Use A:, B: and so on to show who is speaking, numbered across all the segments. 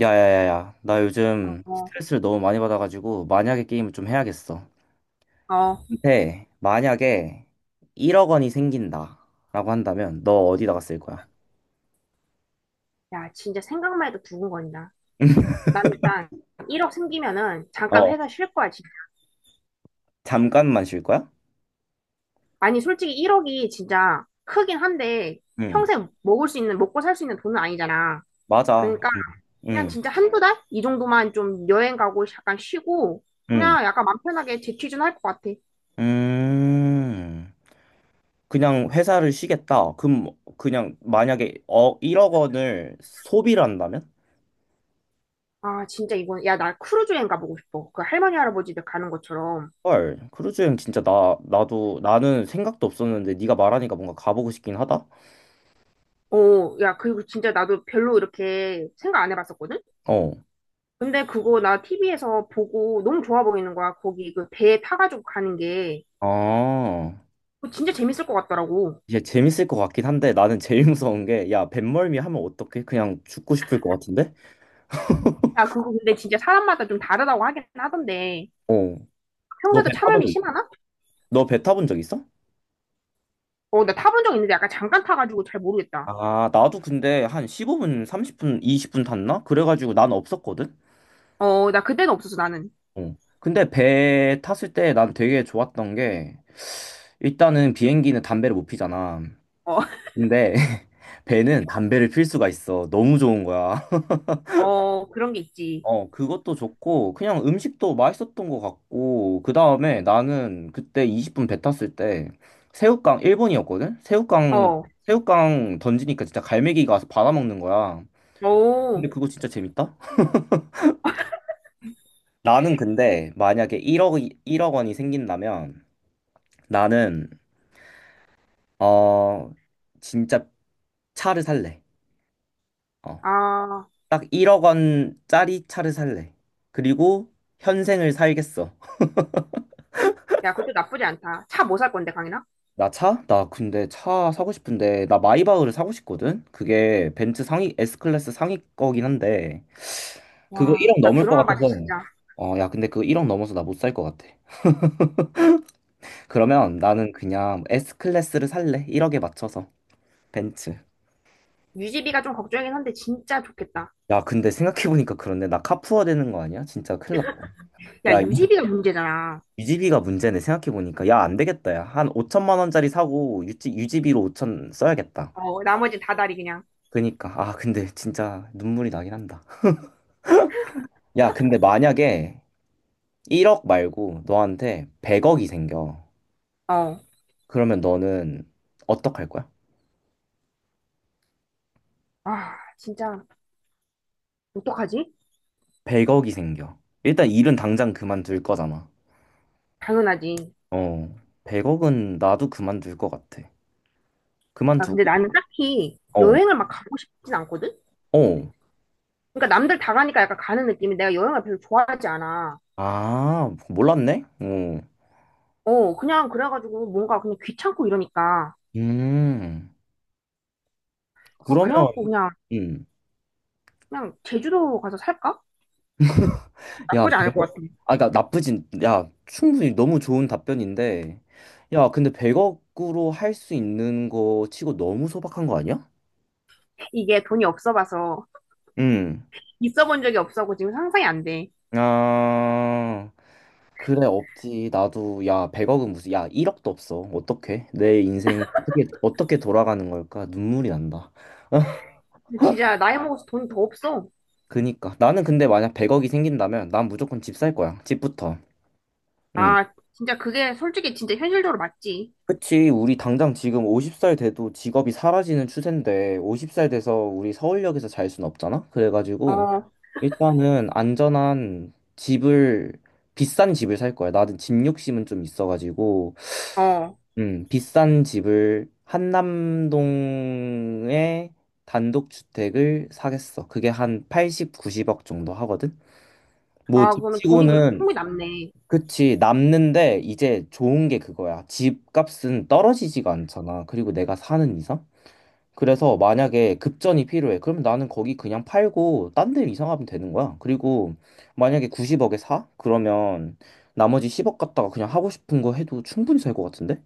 A: 야야야야, 나 요즘
B: 어,
A: 스트레스를 너무 많이 받아가지고 만약에 게임을 좀 해야겠어.
B: 어,
A: 근데 만약에 1억 원이 생긴다라고 한다면 너 어디다가 쓸 거야?
B: 야, 진짜 생각만 해도 두근거린다. 나는 일단 1억 생기면은 잠깐
A: 어.
B: 회사 쉴 거야, 진짜.
A: 잠깐만 쉴 거야?
B: 아니, 솔직히 1억이 진짜 크긴 한데
A: 응,
B: 평생 먹을 수 있는, 먹고 살 수 있는 돈은 아니잖아.
A: 맞아.
B: 그러니까
A: 응,
B: 그냥
A: 응,
B: 진짜 한두 달? 이 정도만 좀 여행 가고 잠깐 쉬고
A: 응.
B: 그냥 약간 맘 편하게 재취준할 것 같아.
A: 음, 그냥 회사를 쉬겠다. 그럼 뭐 그냥 만약에 1억 원을 소비를 한다면?
B: 아, 진짜 이건, 야, 나 크루즈 여행 가보고 싶어. 그 할머니, 할아버지들 가는 것처럼.
A: 헐, 크루즈 여행 진짜 나 나도 나는 생각도 없었는데 네가 말하니까 뭔가 가보고 싶긴 하다.
B: 어, 야, 그리고 진짜 나도 별로 이렇게 생각 안 해봤었거든?
A: 어.
B: 근데 그거 나 TV에서 보고 너무 좋아 보이는 거야. 거기 그 배에 타가지고 가는 게.
A: 아,
B: 그거 진짜 재밌을 것 같더라고.
A: 이게 재밌을 것 같긴 한데 나는 제일 무서운 게, 야, 뱃멀미 하면 어떡해? 그냥 죽고 싶을 것 같은데?
B: 야, 그거 근데 진짜 사람마다 좀 다르다고 하긴 하던데.
A: 어. 너
B: 평소에도
A: 배 타본
B: 참음이
A: 적 있어?
B: 심하나?
A: 너 배 타본 적 있어?
B: 어, 나 타본 적 있는데 약간 잠깐 타가지고 잘 모르겠다.
A: 아, 나도 근데 한 15분, 30분, 20분 탔나? 그래가지고 난 없었거든?
B: 어, 나 그때는 없었어, 나는.
A: 어. 근데 배 탔을 때 난 되게 좋았던 게, 일단은 비행기는 담배를 못 피잖아.
B: 어,
A: 근데 배는 담배를 필 수가 있어. 너무 좋은 거야.
B: 어, 그런 게 있지.
A: 어, 그것도 좋고, 그냥 음식도 맛있었던 것 같고, 그 다음에 나는 그때 20분 배 탔을 때, 새우깡, 일본이었거든?
B: 어,
A: 새우깡 던지니까 진짜 갈매기가 와서 받아먹는 거야. 근데
B: 오,
A: 그거 진짜 재밌다? 나는 근데 만약에 1억, 1억 원이 생긴다면, 나는, 어, 진짜 차를 살래. 어,
B: 아,
A: 딱 1억 원짜리 차를 살래. 그리고 현생을 살겠어.
B: 야, 그것도 나쁘지 않다. 차 뭐 살 건데, 강인아?
A: 나 차? 나 근데 차 사고 싶은데 나 마이바흐를 사고 싶거든? 그게 벤츠 상위 S클래스 상위 거긴 한데 그거
B: 와,
A: 1억
B: 나
A: 넘을 것
B: 들어만
A: 같아서
B: 봐도 진짜.
A: 어 야 근데 그거 1억 넘어서 나 못 살 것 같아. 그러면 나는 그냥 S클래스를 살래. 1억에 맞춰서 벤츠.
B: 유지비가 좀 걱정이긴 한데 진짜 좋겠다.
A: 야 근데 생각해보니까 그런데 나 카푸어 되는 거 아니야? 진짜 큰일 났다.
B: 야,
A: 야
B: 유지비가 문제잖아.
A: 유지비가 문제네, 생각해보니까. 야 안 되겠다. 야 한 5천만 원짜리 사고 유지비로 5천 써야겠다.
B: 어, 나머지 다 다리 그냥.
A: 그니까 아 근데 진짜 눈물이 나긴 한다. 야 근데 만약에 1억 말고 너한테 100억이 생겨.
B: 어.
A: 그러면 너는 어떡할 거야?
B: 아, 진짜, 어떡하지?
A: 100억이 생겨. 일단 일은 당장 그만둘 거잖아.
B: 당연하지.
A: 어. 100억은 나도 그만둘 것 같아.
B: 아, 근데
A: 그만두고,
B: 나는 딱히
A: 어,
B: 여행을 막 가고 싶진 않거든?
A: 어.
B: 그러니까 남들 다 가니까 약간 가는 느낌이 내가 여행을 별로 좋아하지 않아.
A: 아, 몰랐네? 어.
B: 어, 그냥 그래가지고 뭔가 그냥 귀찮고 이러니까.
A: 음.
B: 어,
A: 그러면,
B: 그래갖고 그냥,
A: 음.
B: 그냥 제주도 가서 살까?
A: 야,
B: 나쁘지 않을 것
A: 100억.
B: 같아.
A: 아, 그니까 나쁘진, 야, 충분히 너무 좋은 답변인데. 야, 근데 100억으로 할 수 있는 거 치고 너무 소박한 거 아니야?
B: 이게 돈이 없어 봐서,
A: 음.
B: 있어 본 적이 없어고 지금 상상이 안 돼.
A: 아, 그래, 없지. 나도, 야, 100억은 무슨, 야, 1억도 없어. 어떡해? 내 인생은 어떻게, 어떻게 돌아가는 걸까? 눈물이 난다.
B: 근데 진짜 나이 먹어서 돈이 더 없어.
A: 그니까. 나는 근데 만약 100억이 생긴다면 난 무조건 집 살 거야. 집부터. 응.
B: 아, 진짜 그게 솔직히 진짜 현실적으로 맞지.
A: 그치. 우리 당장 지금 50살 돼도 직업이 사라지는 추세인데 50살 돼서 우리 서울역에서 잘 순 없잖아? 그래가지고
B: 어,
A: 일단은 안전한 집을, 비싼 집을 살 거야. 나는 집 욕심은 좀 있어가지고
B: 어.
A: 비싼 집을 한남동에 단독주택을 사겠어. 그게 한 80, 90억 정도 하거든. 뭐
B: 아, 그러면 돈이 그래도
A: 집치고는.
B: 충분히 남네.
A: 그치 남는데, 이제 좋은 게 그거야. 집값은 떨어지지가 않잖아. 그리고 내가 사는 이상. 그래서 만약에 급전이 필요해. 그러면 나는 거기 그냥 팔고 딴 데 이사하면 되는 거야. 그리고 만약에 90억에 사? 그러면 나머지 10억 갖다가 그냥 하고 싶은 거 해도 충분히 살 것 같은데?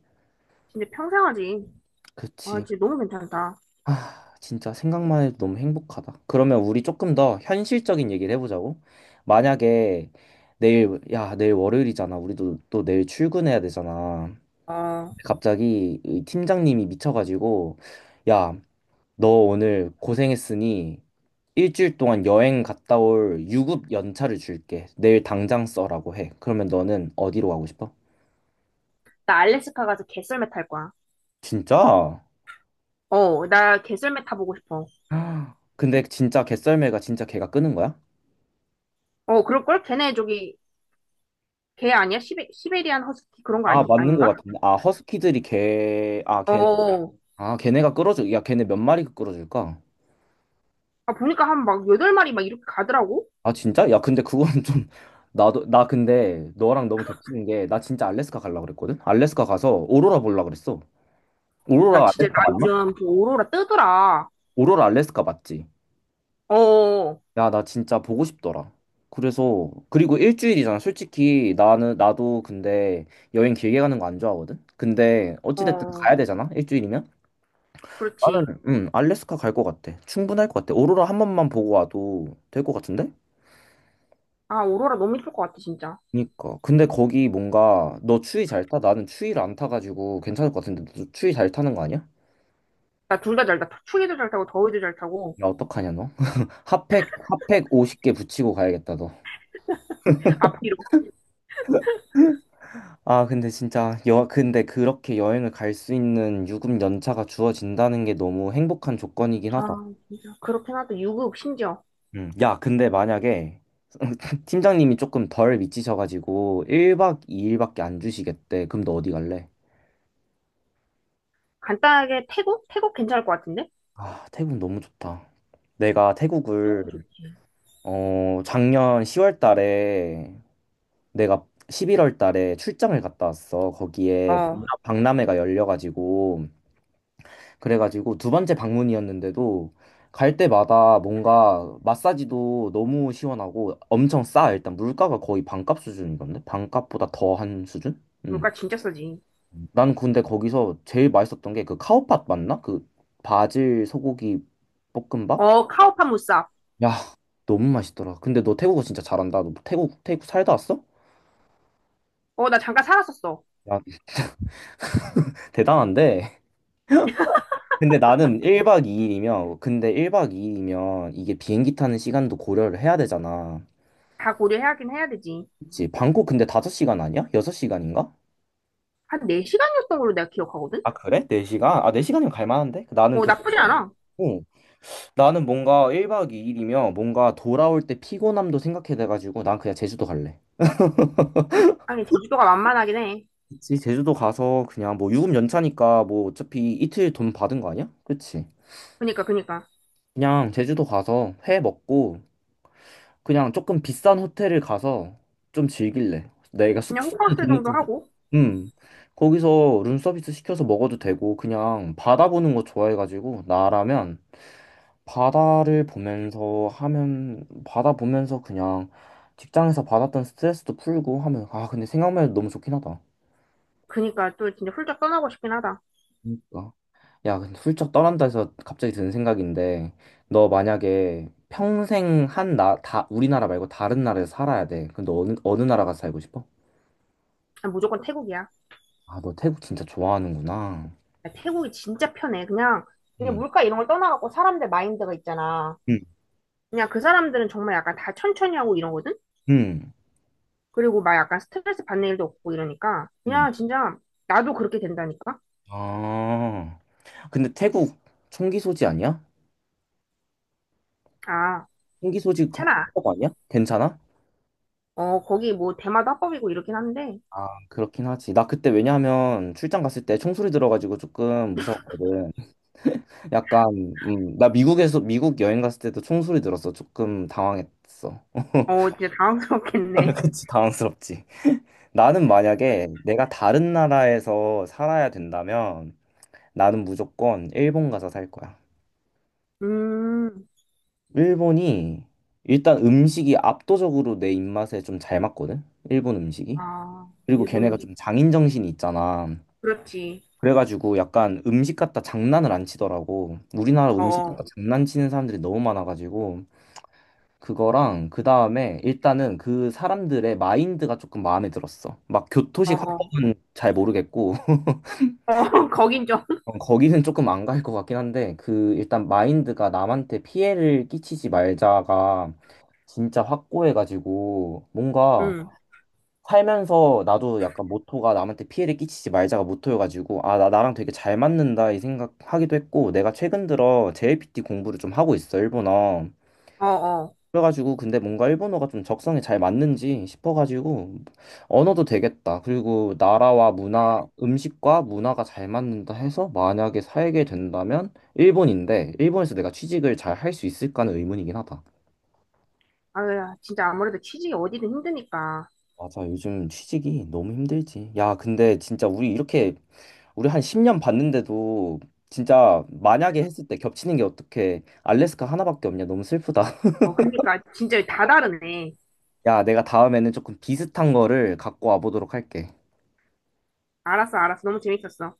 B: 진짜 평생 하지. 아,
A: 그치.
B: 진짜 너무 괜찮다.
A: 아, 진짜 생각만 해도 너무 행복하다. 그러면 우리 조금 더 현실적인 얘기를 해보자고. 만약에 내일, 야, 내일 월요일이잖아. 우리도 또 내일 출근해야 되잖아.
B: 어,
A: 갑자기 이 팀장님이 미쳐가지고, 야, 너 오늘 고생했으니 일주일 동안 여행 갔다 올 유급 연차를 줄게. 내일 당장 써라고 해. 그러면 너는 어디로 가고 싶어?
B: 나 알래스카 가서 개썰매 탈 거야.
A: 진짜?
B: 어, 나 개썰매 타보고 싶어.
A: 근데 진짜 개썰매가 진짜 걔가 끄는 거야?
B: 어, 그럴걸? 걔네 저기, 걔 아니야? 시베리안 허스키 그런 거
A: 아,
B: 아니,
A: 맞는 것
B: 아닌가?
A: 같은데. 아, 허스키들이 걔, 아, 걔,
B: 어,
A: 아, 걔네가 끌어줄, 야, 걔네 몇 마리 끌어줄까?
B: 아, 보니까 한 막 여덟 마리 막 이렇게 가더라고?
A: 아, 진짜? 야, 근데 그거는 좀, 나도, 나 근데 너랑 너무 겹치는 게, 나 진짜 알래스카 가려고 그랬거든? 알래스카 가서 오로라 보려고 그랬어.
B: 야,
A: 오로라
B: 진짜 나
A: 알래스카 맞나?
B: 요즘 그 오로라 뜨더라.
A: 오로라 알래스카 맞지?
B: 어,
A: 야, 나 진짜 보고 싶더라. 그래서, 그리고 일주일이잖아. 솔직히 나는, 나도 근데 여행 길게 가는 거 안 좋아하거든? 근데 어찌됐든
B: 어,
A: 가야 되잖아? 일주일이면?
B: 그렇지.
A: 나는 알래스카 갈 것 같아. 충분할 것 같아. 오로라 한 번만 보고 와도 될 것 같은데?
B: 아, 오로라 너무 이쁠 것 같아, 진짜.
A: 그니까. 근데 거기 뭔가 너 추위 잘 타? 나는 추위를 안 타가지고 괜찮을 것 같은데 너 추위 잘 타는 거 아니야?
B: 나 둘 다 잘 타. 추위도 잘 타고, 더위도 잘 타고,
A: 야 어떡하냐 너? 핫팩 50개 붙이고 가야겠다 너.
B: 앞뒤로.
A: 아 근데 진짜 여 근데 그렇게 여행을 갈 수 있는 유급 연차가 주어진다는 게 너무 행복한 조건이긴 하다.
B: 아, 진짜. 그렇긴 하다. 유급, 심지어.
A: 음. 야 근데 만약에 팀장님이 조금 덜 미치셔가지고 1박 2일밖에 안 주시겠대. 그럼 너 어디 갈래?
B: 간단하게 태국? 태국 괜찮을 것 같은데?
A: 아, 태국 너무 좋다. 내가 태국을
B: 태국 좋지.
A: 작년 10월 달에, 내가 11월 달에 출장을 갔다 왔어. 거기에
B: 어,
A: 박람회가 열려가지고 그래가지고 두 번째 방문이었는데도 갈 때마다 뭔가 마사지도 너무 시원하고 엄청 싸. 일단 물가가 거의 반값 수준이던데 반값보다 더한 수준? 음.
B: 물가 진짜 싸지.
A: 난 근데 거기서 제일 맛있었던 게 그 카오팟 맞나? 그 바질 소고기 볶음밥?
B: 어, 카오판 무쌉.
A: 야, 너무 맛있더라. 근데 너 태국어 진짜 잘한다. 너 태국 살다 왔어?
B: 어, 나 잠깐 살았었어.
A: 야, 대단한데? 근데 나는 1박 2일이면, 근데 1박 2일이면 이게 비행기 타는 시간도 고려를 해야 되잖아.
B: 다 고려해야긴 해야 되지.
A: 그치? 방콕 근데 5시간 아니야? 6시간인가?
B: 한 4시간이었던 걸로 내가 기억하거든?
A: 아, 그래? 4시간? 아, 4시간이면 갈 만한데? 나는
B: 어,
A: 그래서,
B: 나쁘지 않아.
A: 어, 나는 뭔가 1박 2일이면 뭔가 돌아올 때 피곤함도 생각해 돼가지고 난 그냥 제주도 갈래.
B: 아니, 제주도가 만만하긴 해.
A: 그치? 제주도 가서 그냥 뭐 유급 연차니까 뭐 어차피 이틀 돈 받은 거 아니야? 그치?
B: 그니까, 그니까.
A: 그냥 제주도 가서 회 먹고 그냥 조금 비싼 호텔을 가서 좀 즐길래. 내가
B: 그냥
A: 숙소에는
B: 호캉스
A: 돈을
B: 정도
A: 좀,
B: 하고.
A: 음, 거기서 룸서비스 시켜서 먹어도 되고 그냥 바다 보는 거 좋아해가지고 나라면 바다를 보면서 하면, 바다 보면서 그냥 직장에서 받았던 스트레스도 풀고 하면. 아 근데 생각만 해도 너무 좋긴 하다.
B: 그니까 또 진짜 훌쩍 떠나고 싶긴 하다.
A: 그러니까. 야, 근데 훌쩍 떠난다 해서 갑자기 드는 생각인데, 너 만약에 평생 우리나라 말고 다른 나라에서 살아야 돼. 그럼 너 어느 나라 가서 살고 싶어?
B: 난 무조건 태국이야.
A: 아, 너 태국 진짜 좋아하는구나.
B: 야, 태국이 진짜 편해. 그냥, 그냥
A: 응,
B: 물가 이런 걸 떠나갖고 사람들 마인드가 있잖아.
A: 응,
B: 그냥 그 사람들은 정말 약간 다 천천히 하고 이러거든?
A: 응,
B: 그리고 막 약간 스트레스 받는 일도 없고 이러니까.
A: 응.
B: 그냥 진짜 나도 그렇게 된다니까?
A: 아, 근데 태국 총기 소지 아니야?
B: 아,
A: 총기 소지
B: 괜찮아.
A: 합법 아니야? 괜찮아?
B: 어, 거기 뭐 대마도 합법이고 이렇긴 한데,
A: 아, 그렇긴 하지. 나 그때 왜냐하면 출장 갔을 때 총소리 들어가지고 조금 무서웠거든. 약간 나 미국에서 미국 여행 갔을 때도 총소리 들었어. 조금 당황했어.
B: 어, 진짜 당황스럽겠네.
A: 그치, 당황스럽지. 나는 만약에 내가 다른 나라에서 살아야 된다면 나는 무조건 일본 가서 살 거야.
B: 음,
A: 일본이 일단 음식이 압도적으로 내 입맛에 좀 잘 맞거든? 일본 음식이.
B: 아,
A: 그리고
B: 일본
A: 걔네가
B: 음식.
A: 좀 장인정신이 있잖아.
B: 그렇지.
A: 그래가지고 약간 음식 갖다 장난을 안 치더라고. 우리나라
B: 어,
A: 음식 갖다
B: 어,
A: 장난치는 사람들이 너무 많아가지고 그거랑 그 다음에 일단은 그 사람들의 마인드가 조금 마음에 들었어. 막
B: 어, 어,
A: 교토식
B: 어,
A: 화법은 잘 모르겠고
B: 거긴 좀,
A: 거기는 조금 안 갈 것 같긴 한데 그 일단 마인드가 남한테 피해를 끼치지 말자가 진짜 확고해가지고 뭔가
B: 음,
A: 살면서. 나도 약간 모토가 남한테 피해를 끼치지 말자가 모토여가지고 아 나 나랑 되게 잘 맞는다 이 생각하기도 했고. 내가 최근 들어 JLPT 공부를 좀 하고 있어, 일본어.
B: 어, 어.
A: 그래가지고 근데 뭔가 일본어가 좀 적성에 잘 맞는지 싶어가지고 언어도 되겠다. 그리고 나라와 문화, 음식과 문화가 잘 맞는다 해서 만약에 살게 된다면 일본인데 일본에서 내가 취직을 잘 할 수 있을까는 의문이긴 하다.
B: 아유, 진짜 아무래도 취직이 어디든 힘드니까.
A: 맞아, 요즘 취직이 너무 힘들지. 야, 근데 진짜 우리 이렇게 우리 한 10년 봤는데도 진짜 만약에 했을 때 겹치는 게 어떻게 알래스카 하나밖에 없냐. 너무 슬프다.
B: 어, 그니까 진짜 다 다르네.
A: 야, 내가 다음에는 조금 비슷한 거를 갖고 와보도록 할게.
B: 알았어, 알았어. 너무 재밌었어.